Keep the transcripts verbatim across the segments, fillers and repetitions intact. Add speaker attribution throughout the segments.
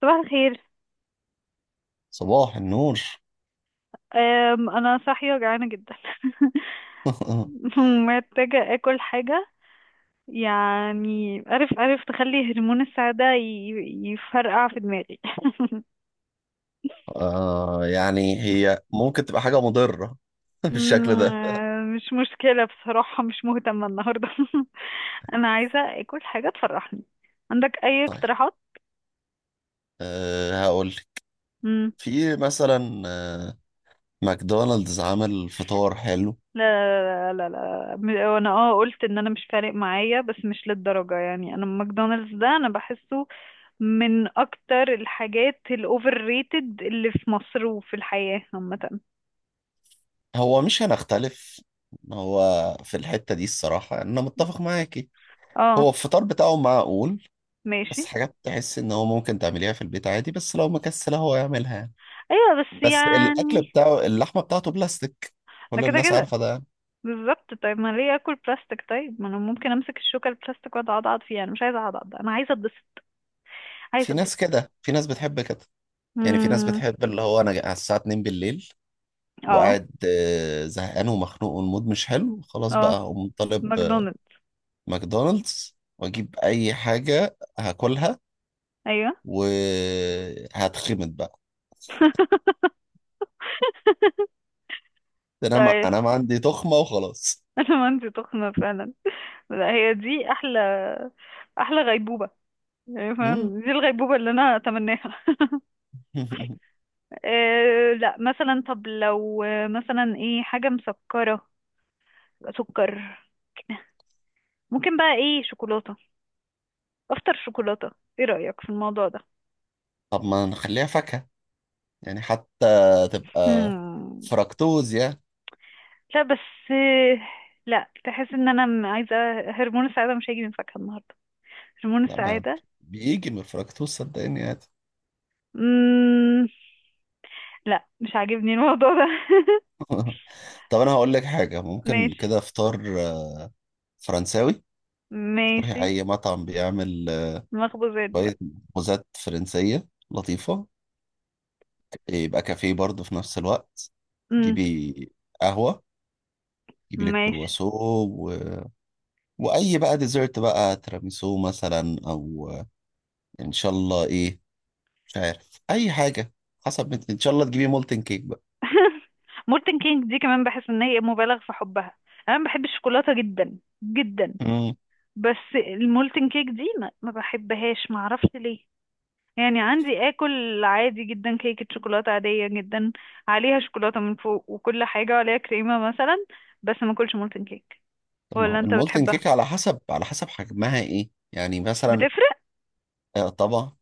Speaker 1: صباح الخير.
Speaker 2: صباح النور.
Speaker 1: أم، انا صاحيه جعانه جدا. ومحتاجه اكل حاجه. يعني عارف عارف تخلي هرمون السعاده ي- يفرقع في دماغي.
Speaker 2: آه يعني هي ممكن تبقى حاجة مضرة بالشكل ده.
Speaker 1: أم، مش مشكله بصراحه، مش مهتمه النهارده. انا عايزه اكل حاجه تفرحني. عندك اي
Speaker 2: طيب،
Speaker 1: اقتراحات؟
Speaker 2: آه هقول لك.
Speaker 1: مم.
Speaker 2: في مثلا آه ماكدونالدز عامل فطار حلو.
Speaker 1: لا لا لا لا لا م- وانا اه قلت ان انا مش فارق معايا، بس مش للدرجه. يعني انا ماكدونالدز ده انا بحسه من اكتر الحاجات الاوفر ريتد اللي في مصر وفي الحياة عامة.
Speaker 2: هو مش هنختلف. هو في الحتة دي الصراحة، يعني أنا متفق معاكي. هو
Speaker 1: اه
Speaker 2: الفطار بتاعه معقول،
Speaker 1: ماشي.
Speaker 2: بس حاجات تحس إن هو ممكن تعمليها في البيت عادي، بس لو مكسلة هو يعملها يعني.
Speaker 1: ايوه بس
Speaker 2: بس الأكل
Speaker 1: يعني
Speaker 2: بتاعه اللحمة بتاعته بلاستيك،
Speaker 1: ده
Speaker 2: كل
Speaker 1: كده
Speaker 2: الناس
Speaker 1: كده.
Speaker 2: عارفة ده يعني.
Speaker 1: بالظبط، طيب ما ليه اكل بلاستيك؟ طيب ما انا ممكن امسك الشوكة البلاستيك واقعد اعضعض فيها. انا مش عايزة اعضعض، انا عايزة اتبسط. عايزة
Speaker 2: في ناس
Speaker 1: اتبسط.
Speaker 2: كده، في ناس بتحب كده. يعني في ناس
Speaker 1: امم.
Speaker 2: بتحب اللي هو انا على الساعة اتنين بالليل
Speaker 1: اه
Speaker 2: وقاعد آه، زهقان ومخنوق والمود مش حلو خلاص،
Speaker 1: اه
Speaker 2: بقى هقوم طالب آه،
Speaker 1: ماكدونالدز.
Speaker 2: ماكدونالدز واجيب اي حاجة هاكلها
Speaker 1: ايوه.
Speaker 2: وهتخمد بقى. ده انا مع...
Speaker 1: طيب،
Speaker 2: انا ما عندي تخمة وخلاص.
Speaker 1: انا ما عندي تخمة فعلا. لا هي دي احلى. احلى غيبوبة. يعني
Speaker 2: مم.
Speaker 1: فاهم، دي الغيبوبة اللي انا اتمناها. أه لا مثلا، طب لو آه، مثلا ايه حاجة مسكرة، سكر. ممكن بقى ايه، شوكولاتة؟ افطر شوكولاتة. ايه رأيك في الموضوع ده؟
Speaker 2: طب ما نخليها فاكهة، يعني حتى تبقى
Speaker 1: هم.
Speaker 2: فركتوز يعني.
Speaker 1: لا بس آه، لا، تحس ان انا م- عايزة هرمون السعادة. مش هيجي من فاكهة النهاردة، هرمون
Speaker 2: لا ما
Speaker 1: السعادة.
Speaker 2: بيجي من الفركتوز صدقني يعني.
Speaker 1: مم... لا مش عاجبني الموضوع ده.
Speaker 2: طب انا هقول لك حاجة، ممكن
Speaker 1: ماشي.
Speaker 2: كده فطار آه، فرنساوي. تروحي
Speaker 1: ماشي.
Speaker 2: أي مطعم بيعمل آه،
Speaker 1: مخبوزات
Speaker 2: شوية
Speaker 1: بقى.
Speaker 2: مخبوزات فرنسية لطيفة، يبقى كافيه برضه في نفس الوقت.
Speaker 1: مم.
Speaker 2: جيبي قهوة، جيبي لك
Speaker 1: ماشي.
Speaker 2: كرواسو و... وأي بقى ديزرت، بقى تيراميسو مثلا أو آه، إن شاء الله إيه، مش عارف أي حاجة. حسب انت- إن شاء الله تجيبي مولتن كيك بقى.
Speaker 1: مولتن كينج دي كمان بحس ان هي مبالغ في حبها. انا بحب الشوكولاته جدا جدا.
Speaker 2: امم
Speaker 1: بس المولتن كيك دي ما ما بحبهاش، ما اعرفش ليه. يعني عندي اكل عادي جدا، كيكه شوكولاته عاديه جدا، عليها شوكولاته من فوق وكل حاجه، وعليها كريمه مثلا، بس ما اكلش مولتن كيك.
Speaker 2: طب ما
Speaker 1: ولا
Speaker 2: هو
Speaker 1: انت
Speaker 2: المولتن
Speaker 1: بتحبها؟
Speaker 2: كيك على حسب، على حسب حجمها إيه يعني مثلا.
Speaker 1: بتفرق.
Speaker 2: آه، طبعا.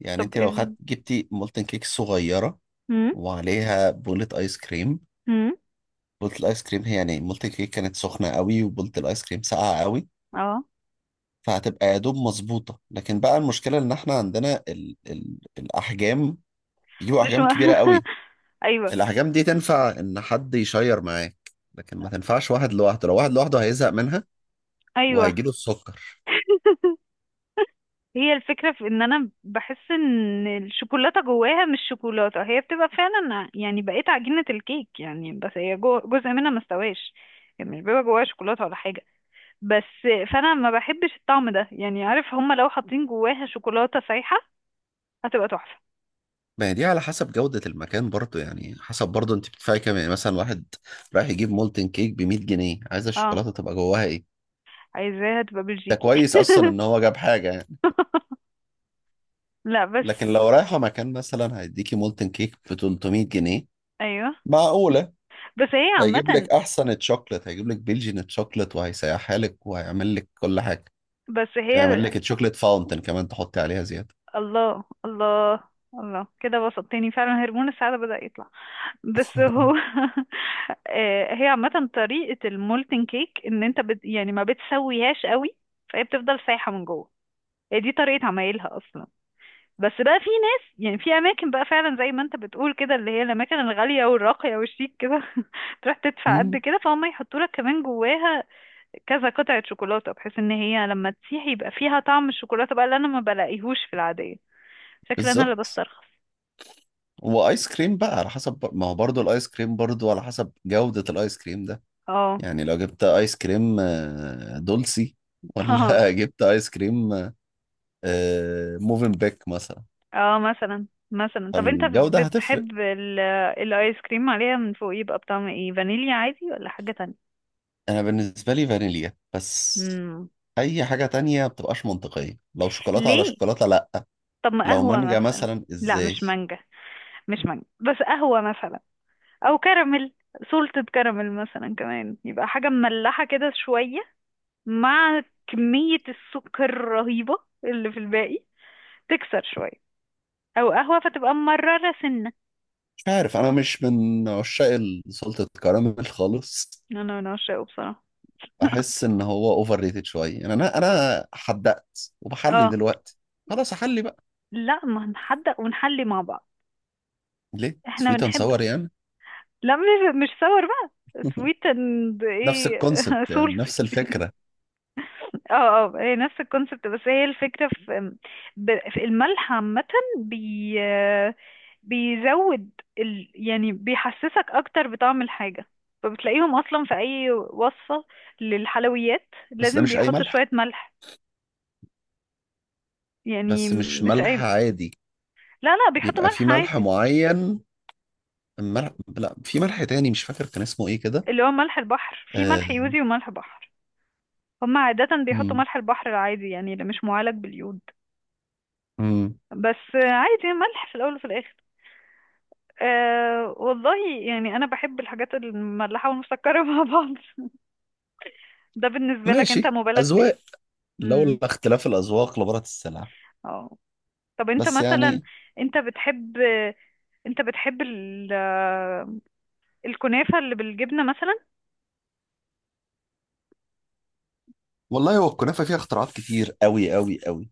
Speaker 2: يعني
Speaker 1: طب
Speaker 2: أنت لو خدت
Speaker 1: امم.
Speaker 2: جبتي مولتن كيك صغيرة وعليها بولة آيس كريم.
Speaker 1: امم.
Speaker 2: بولت الايس كريم هي، يعني بولت الكيك كانت سخنه قوي وبولت الايس كريم ساقعه قوي،
Speaker 1: اه
Speaker 2: فهتبقى يا دوب مظبوطه. لكن بقى المشكله ان احنا عندنا ال ال الاحجام، بيجيبوا
Speaker 1: مش م...
Speaker 2: احجام كبيره قوي.
Speaker 1: ايوه.
Speaker 2: الاحجام دي تنفع ان حد يشير معاك، لكن ما تنفعش واحد لوحده، لو واحد لوحده هيزهق منها
Speaker 1: ايوه.
Speaker 2: وهيجيله السكر.
Speaker 1: هي الفكرة في ان انا بحس ان الشوكولاتة جواها مش شوكولاتة. هي بتبقى فعلا يعني بقيت عجينة الكيك يعني، بس هي جو- جزء منها ما استواش. يعني مش بيبقى جواها شوكولاتة ولا حاجة. بس فانا ما بحبش الطعم ده. يعني عارف، هما لو حاطين جواها شوكولاتة سايحة هتبقى تحفة.
Speaker 2: ما هي دي على حسب جودة المكان برضو، يعني حسب برضو انت بتدفعي كام، يعني مثلا واحد رايح يجيب مولتن كيك ب مية جنيه، عايز
Speaker 1: اه
Speaker 2: الشوكولاتة تبقى جواها ايه؟
Speaker 1: عايزاها تبقى
Speaker 2: ده
Speaker 1: بلجيكي.
Speaker 2: كويس اصلا ان هو جاب حاجة يعني.
Speaker 1: لا بس.
Speaker 2: لكن لو رايحة مكان مثلا هيديكي مولتن كيك ب تلتمية جنيه،
Speaker 1: ايوه
Speaker 2: معقولة؟
Speaker 1: بس هي
Speaker 2: هيجيب لك
Speaker 1: عامة.
Speaker 2: أحسن تشوكلت، هيجيب لك بلجين تشوكلت وهيسيحها لك وهيعمل لك كل حاجة.
Speaker 1: بس
Speaker 2: هيعمل
Speaker 1: هي
Speaker 2: لك تشوكلت فاونتن كمان تحطي عليها زيادة.
Speaker 1: الله الله. الله كده بسطتني فعلا، هرمون السعادة بدأ يطلع. بس هو. آه، هي عامة طريقة المولتن كيك ان انت بت... يعني ما بتسويهاش قوي، فهي بتفضل سايحة من جوه. هي دي طريقة عمايلها اصلا. بس بقى في ناس، يعني في اماكن بقى فعلا زي ما انت بتقول كده، اللي هي الاماكن الغالية والراقية والشيك كده، تروح تدفع قد
Speaker 2: مم،
Speaker 1: كده فهم يحطوا لك كمان جواها كذا قطعة شوكولاتة، بحيث ان هي لما تسيح يبقى فيها طعم الشوكولاتة بقى اللي انا ما بلاقيهوش في العادية. شكل انا اللي
Speaker 2: بالظبط.
Speaker 1: بسترخص.
Speaker 2: وايس كريم بقى على حسب بر- ما هو برضه الايس كريم برضه على حسب جودة الايس كريم ده.
Speaker 1: اه.
Speaker 2: يعني لو جبت ايس كريم آه، دولسي ولا جبت ايس كريم آه، موفنبيك مثلا،
Speaker 1: اه مثلا مثلا، طب انت
Speaker 2: فالجودة هتفرق.
Speaker 1: بتحب ال- الايس كريم عليها من فوق يبقى بطعم ايه، فانيليا عادي ولا حاجة تانية؟
Speaker 2: انا بالنسبه لي فانيليا بس.
Speaker 1: مم.
Speaker 2: اي حاجه تانية بتبقاش منطقيه، لو شوكولاته على
Speaker 1: ليه؟
Speaker 2: شوكولاته لا.
Speaker 1: طب ما
Speaker 2: لو
Speaker 1: قهوة
Speaker 2: مانجا
Speaker 1: مثلا.
Speaker 2: مثلا
Speaker 1: لا مش
Speaker 2: ازاي.
Speaker 1: مانجا. مش مانجا، بس قهوة مثلا، او كراميل. سولتد كراميل مثلا، كمان يبقى حاجة مملحة كده شوية مع كمية السكر الرهيبة اللي في الباقي، تكسر شوية. او قهوة فتبقى مررة سنة.
Speaker 2: مش عارف، انا مش من عشاق ال- سلطه الكراميل خالص.
Speaker 1: انا انا بعشقه بصراحة.
Speaker 2: بحس ان هو اوفر ريتد شويه، يعني انا انا حدقت وبحلي
Speaker 1: اه.
Speaker 2: دلوقتي. خلاص احلي بقى،
Speaker 1: لا ما هنحدق ونحلي مع بعض.
Speaker 2: ليه؟
Speaker 1: احنا
Speaker 2: سويت اند
Speaker 1: بنحب.
Speaker 2: ساور يعني.
Speaker 1: لا مش، مش صور بقى. سويت اند
Speaker 2: نفس
Speaker 1: ايه،
Speaker 2: الكونسبت، يعني
Speaker 1: سولتي.
Speaker 2: نفس الفكره.
Speaker 1: اه اه هي نفس الكونسبت، بس هي الفكرة في، ب- في الملح عامة، بي بيزود ال... يعني بيحسسك اكتر بطعم الحاجة. فبتلاقيهم اصلا في اي وصفة للحلويات
Speaker 2: بس ده
Speaker 1: لازم
Speaker 2: مش اي
Speaker 1: بيحطوا شوية
Speaker 2: ملح،
Speaker 1: ملح. يعني
Speaker 2: بس مش
Speaker 1: مش
Speaker 2: ملح
Speaker 1: اي.
Speaker 2: عادي،
Speaker 1: لا لا بيحطوا
Speaker 2: بيبقى في
Speaker 1: ملح
Speaker 2: ملح
Speaker 1: عادي.
Speaker 2: معين. الملح، لا، في ملح تاني مش فاكر كان اسمه ايه كده
Speaker 1: اللي هو ملح البحر، في
Speaker 2: آه،
Speaker 1: ملح يوزي وملح بحر. هما عادة بيحطوا
Speaker 2: مم.
Speaker 1: ملح البحر العادي، يعني اللي مش معالج باليود.
Speaker 2: مم.
Speaker 1: بس عادي، ملح في الاول وفي الاخر. أه والله يعني انا بحب الحاجات المملحه والمسكره مع بعض. ده بالنسبه لك انت
Speaker 2: ماشي،
Speaker 1: مبالغ فيه.
Speaker 2: أذواق.
Speaker 1: امم.
Speaker 2: لولا اختلاف الأذواق لبارت السلع.
Speaker 1: اه طب انت
Speaker 2: بس
Speaker 1: مثلا،
Speaker 2: يعني،
Speaker 1: انت بتحب، انت بتحب ال... آه، الكنافه اللي بالجبنه مثلا؟
Speaker 2: والله هو الكنافة فيها اختراعات كتير أوي أوي أوي.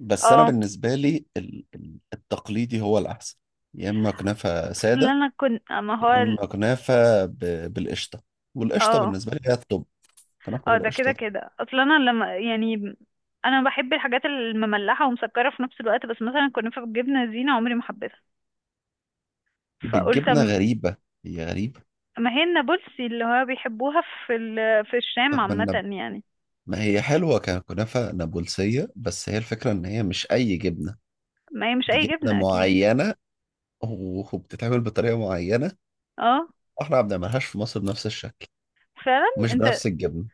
Speaker 2: بس أنا
Speaker 1: اه
Speaker 2: بالنسبة لي ال- ال- التقليدي هو الأحسن. يا إما كنافة
Speaker 1: اصل
Speaker 2: سادة،
Speaker 1: انا كنت ما هو
Speaker 2: يا
Speaker 1: ال-
Speaker 2: إما كنافة ب- بالقشطة، والقشطة
Speaker 1: اه
Speaker 2: بالنسبة لي هي الطب. كنافة
Speaker 1: اه ده كده
Speaker 2: بالقشطة
Speaker 1: كده. اصل انا لما يعني انا بحب الحاجات المملحه ومسكره في نفس الوقت، بس مثلا الكنافه بالجبنه زينه عمري ما حبيتها. فقلت،
Speaker 2: بالجبنة غريبة، هي غريبة.
Speaker 1: ما هي النابلسي اللي هو بيحبوها في ال... في الشام
Speaker 2: طب ما
Speaker 1: عامة
Speaker 2: النب-
Speaker 1: يعني.
Speaker 2: ما هي حلوة ككنافة نابلسية، بس هي الفكرة إن هي مش أي جبنة،
Speaker 1: ما هي مش
Speaker 2: دي
Speaker 1: أي
Speaker 2: جبنة
Speaker 1: جبنة أكيد.
Speaker 2: معينة وبتتعمل بطريقة معينة.
Speaker 1: اه
Speaker 2: واحنا ما بنعملهاش في مصر بنفس الشكل
Speaker 1: فعلا.
Speaker 2: ومش
Speaker 1: انت،
Speaker 2: بنفس الجبنة.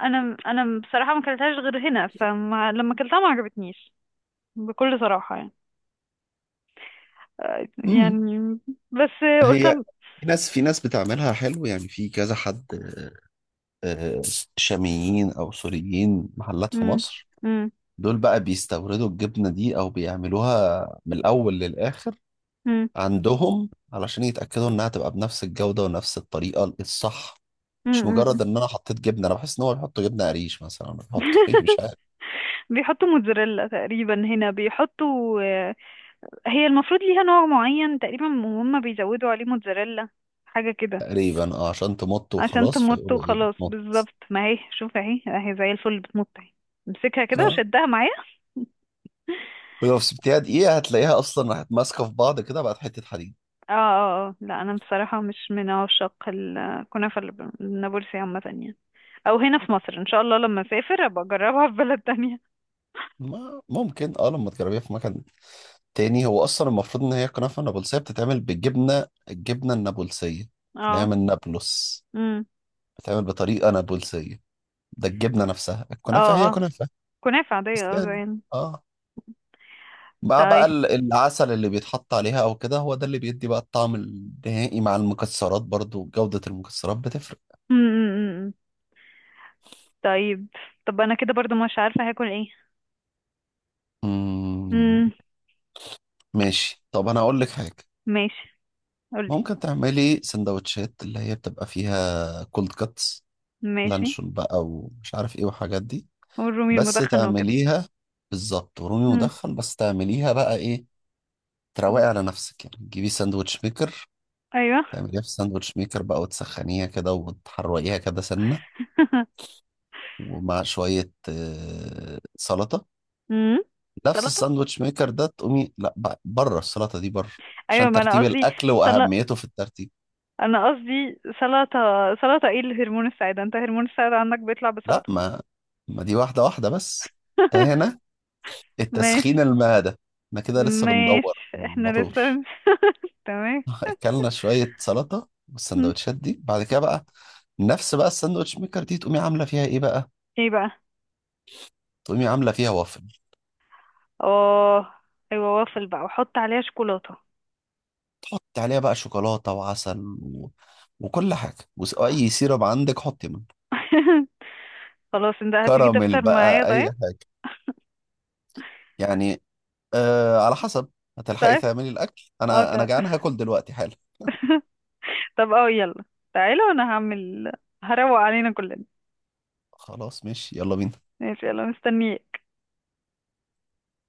Speaker 1: أنا أنا بصراحة ما كلتهاش غير هنا، فلما لما كلتها ما عجبتنيش بكل صراحة يعني. آه،
Speaker 2: امم
Speaker 1: يعني بس قلت
Speaker 2: هي
Speaker 1: أم-
Speaker 2: في ناس في ناس بتعملها حلو، يعني في كذا حد آه، شاميين او سوريين، محلات في
Speaker 1: مم.
Speaker 2: مصر.
Speaker 1: مم.
Speaker 2: دول بقى بيستوردوا الجبنة دي او بيعملوها من الاول للاخر
Speaker 1: مم.
Speaker 2: عندهم، علشان يتأكدوا انها تبقى بنفس الجودة ونفس الطريقة الصح.
Speaker 1: مم.
Speaker 2: مش مجرد
Speaker 1: مم.
Speaker 2: ان انا حطيت جبنة، انا بحس ان هو بيحطوا جبنة قريش مثلا، بيحطوا ايه مش عارف.
Speaker 1: بيحطوا موتزاريلا تقريبا هنا بيحطوا. آه، هي المفروض ليها نوع معين تقريبا وهم بيزودوا عليه موتزاريلا، حاجة كده.
Speaker 2: تقريبا اه، عشان تمط
Speaker 1: عشان
Speaker 2: وخلاص،
Speaker 1: تمط
Speaker 2: فيقولوا ايه
Speaker 1: وخلاص.
Speaker 2: بتمط.
Speaker 1: بالظبط، ما هي شوف اهي، اهي زي الفل بتمط، اهي امسكها كده
Speaker 2: ها،
Speaker 1: وشدها معايا.
Speaker 2: ولو سبتيها دقيقة هتلاقيها أصلا راحت ماسكة في بعض كده، بقت حتة حديد.
Speaker 1: اه اه اه، لا انا بصراحة مش من عشاق الكنافة الب- النابلسي عامة يعني، او هنا في مصر. ان شاء الله لما اسافر ابقى اجربها في بلد تانية.
Speaker 2: ما ممكن اه لما تجربيها في مكان تاني، هو أصلا المفروض إن هي كنافة نابلسية بتتعمل بالجبنة، الجبنة النابلسية اللي هي
Speaker 1: اه
Speaker 2: من نابلس
Speaker 1: امم.
Speaker 2: بتتعمل بطريقة نابلسية. ده الجبنة نفسها،
Speaker 1: اه
Speaker 2: الكنافة هي
Speaker 1: اه
Speaker 2: كنافة
Speaker 1: كنافة
Speaker 2: بس
Speaker 1: عادية اه
Speaker 2: يعني.
Speaker 1: زين.
Speaker 2: اه مع بقى
Speaker 1: طيب.
Speaker 2: ال- العسل اللي بيتحط عليها أو كده، هو ده اللي بيدي بقى الطعم النهائي، مع المكسرات برضو جودة المكسرات بتفرق.
Speaker 1: امم. أمم، أمم. طيب. طب انا كده برضو مش عارفة هاكل ايه.
Speaker 2: مم.
Speaker 1: امم.
Speaker 2: ماشي، طب أنا أقول لك حاجة.
Speaker 1: ماشي. قولي.
Speaker 2: ممكن تعملي سندوتشات اللي هي بتبقى فيها كولد كاتس،
Speaker 1: ماشي.
Speaker 2: لانشون بقى ومش عارف ايه وحاجات دي.
Speaker 1: والرومي
Speaker 2: بس
Speaker 1: المدخن وكده.
Speaker 2: تعمليها، بالظبط، ورومي
Speaker 1: امم.
Speaker 2: مدخن، بس تعمليها بقى ايه، تروقي على نفسك. يعني تجيبي ساندوتش ميكر،
Speaker 1: ايوه.
Speaker 2: تعمليها في ساندوتش ميكر بقى وتسخنيها كده وتحرقيها كده سنة، ومع شوية آه، سلطة.
Speaker 1: امم.
Speaker 2: نفس
Speaker 1: سلطة.
Speaker 2: الساندوتش ميكر ده، تقومي لا بقى، بره، السلطة دي بره،
Speaker 1: ايوه
Speaker 2: عشان
Speaker 1: ما انا
Speaker 2: ترتيب
Speaker 1: قصدي.
Speaker 2: الأكل
Speaker 1: سل...
Speaker 2: وأهميته في الترتيب.
Speaker 1: انا قصدي سلطة. سلطة ايه اللي هرمون السعادة؟ انت هرمون السعادة عندك بيطلع
Speaker 2: لا،
Speaker 1: بسلطة؟
Speaker 2: ما ما دي واحدة واحدة بس. انت هنا التسخين
Speaker 1: ماشي.
Speaker 2: المعدة، احنا كده لسه بندور
Speaker 1: ماشي احنا
Speaker 2: الموتور.
Speaker 1: لسه. تمام.
Speaker 2: اكلنا شوية سلطة،
Speaker 1: م.
Speaker 2: والسندوتشات دي بعد كده بقى، نفس بقى الساندوتش ميكر دي، تقومي عاملة فيها ايه بقى،
Speaker 1: ايه بقى؟
Speaker 2: تقومي عاملة فيها وافل.
Speaker 1: اه ايوه وافل بقى، وحط عليها شوكولاتة.
Speaker 2: حطي عليها بقى شوكولاتة وعسل و... وكل حاجة، واي سيرب عندك حطي منه،
Speaker 1: خلاص انت هتيجي
Speaker 2: كراميل
Speaker 1: تفطر معايا
Speaker 2: بقى اي
Speaker 1: طيب.
Speaker 2: حاجة يعني. آه على حسب. هتلحقي
Speaker 1: طيب
Speaker 2: تعملي الاكل؟
Speaker 1: اه
Speaker 2: انا انا
Speaker 1: طيب.
Speaker 2: جعان هاكل دلوقتي حالا.
Speaker 1: طب اه يلا، تعالى وانا هعمل، هروق علينا كلنا.
Speaker 2: خلاص ماشي، يلا بينا.
Speaker 1: ماشي يلا مستنيك.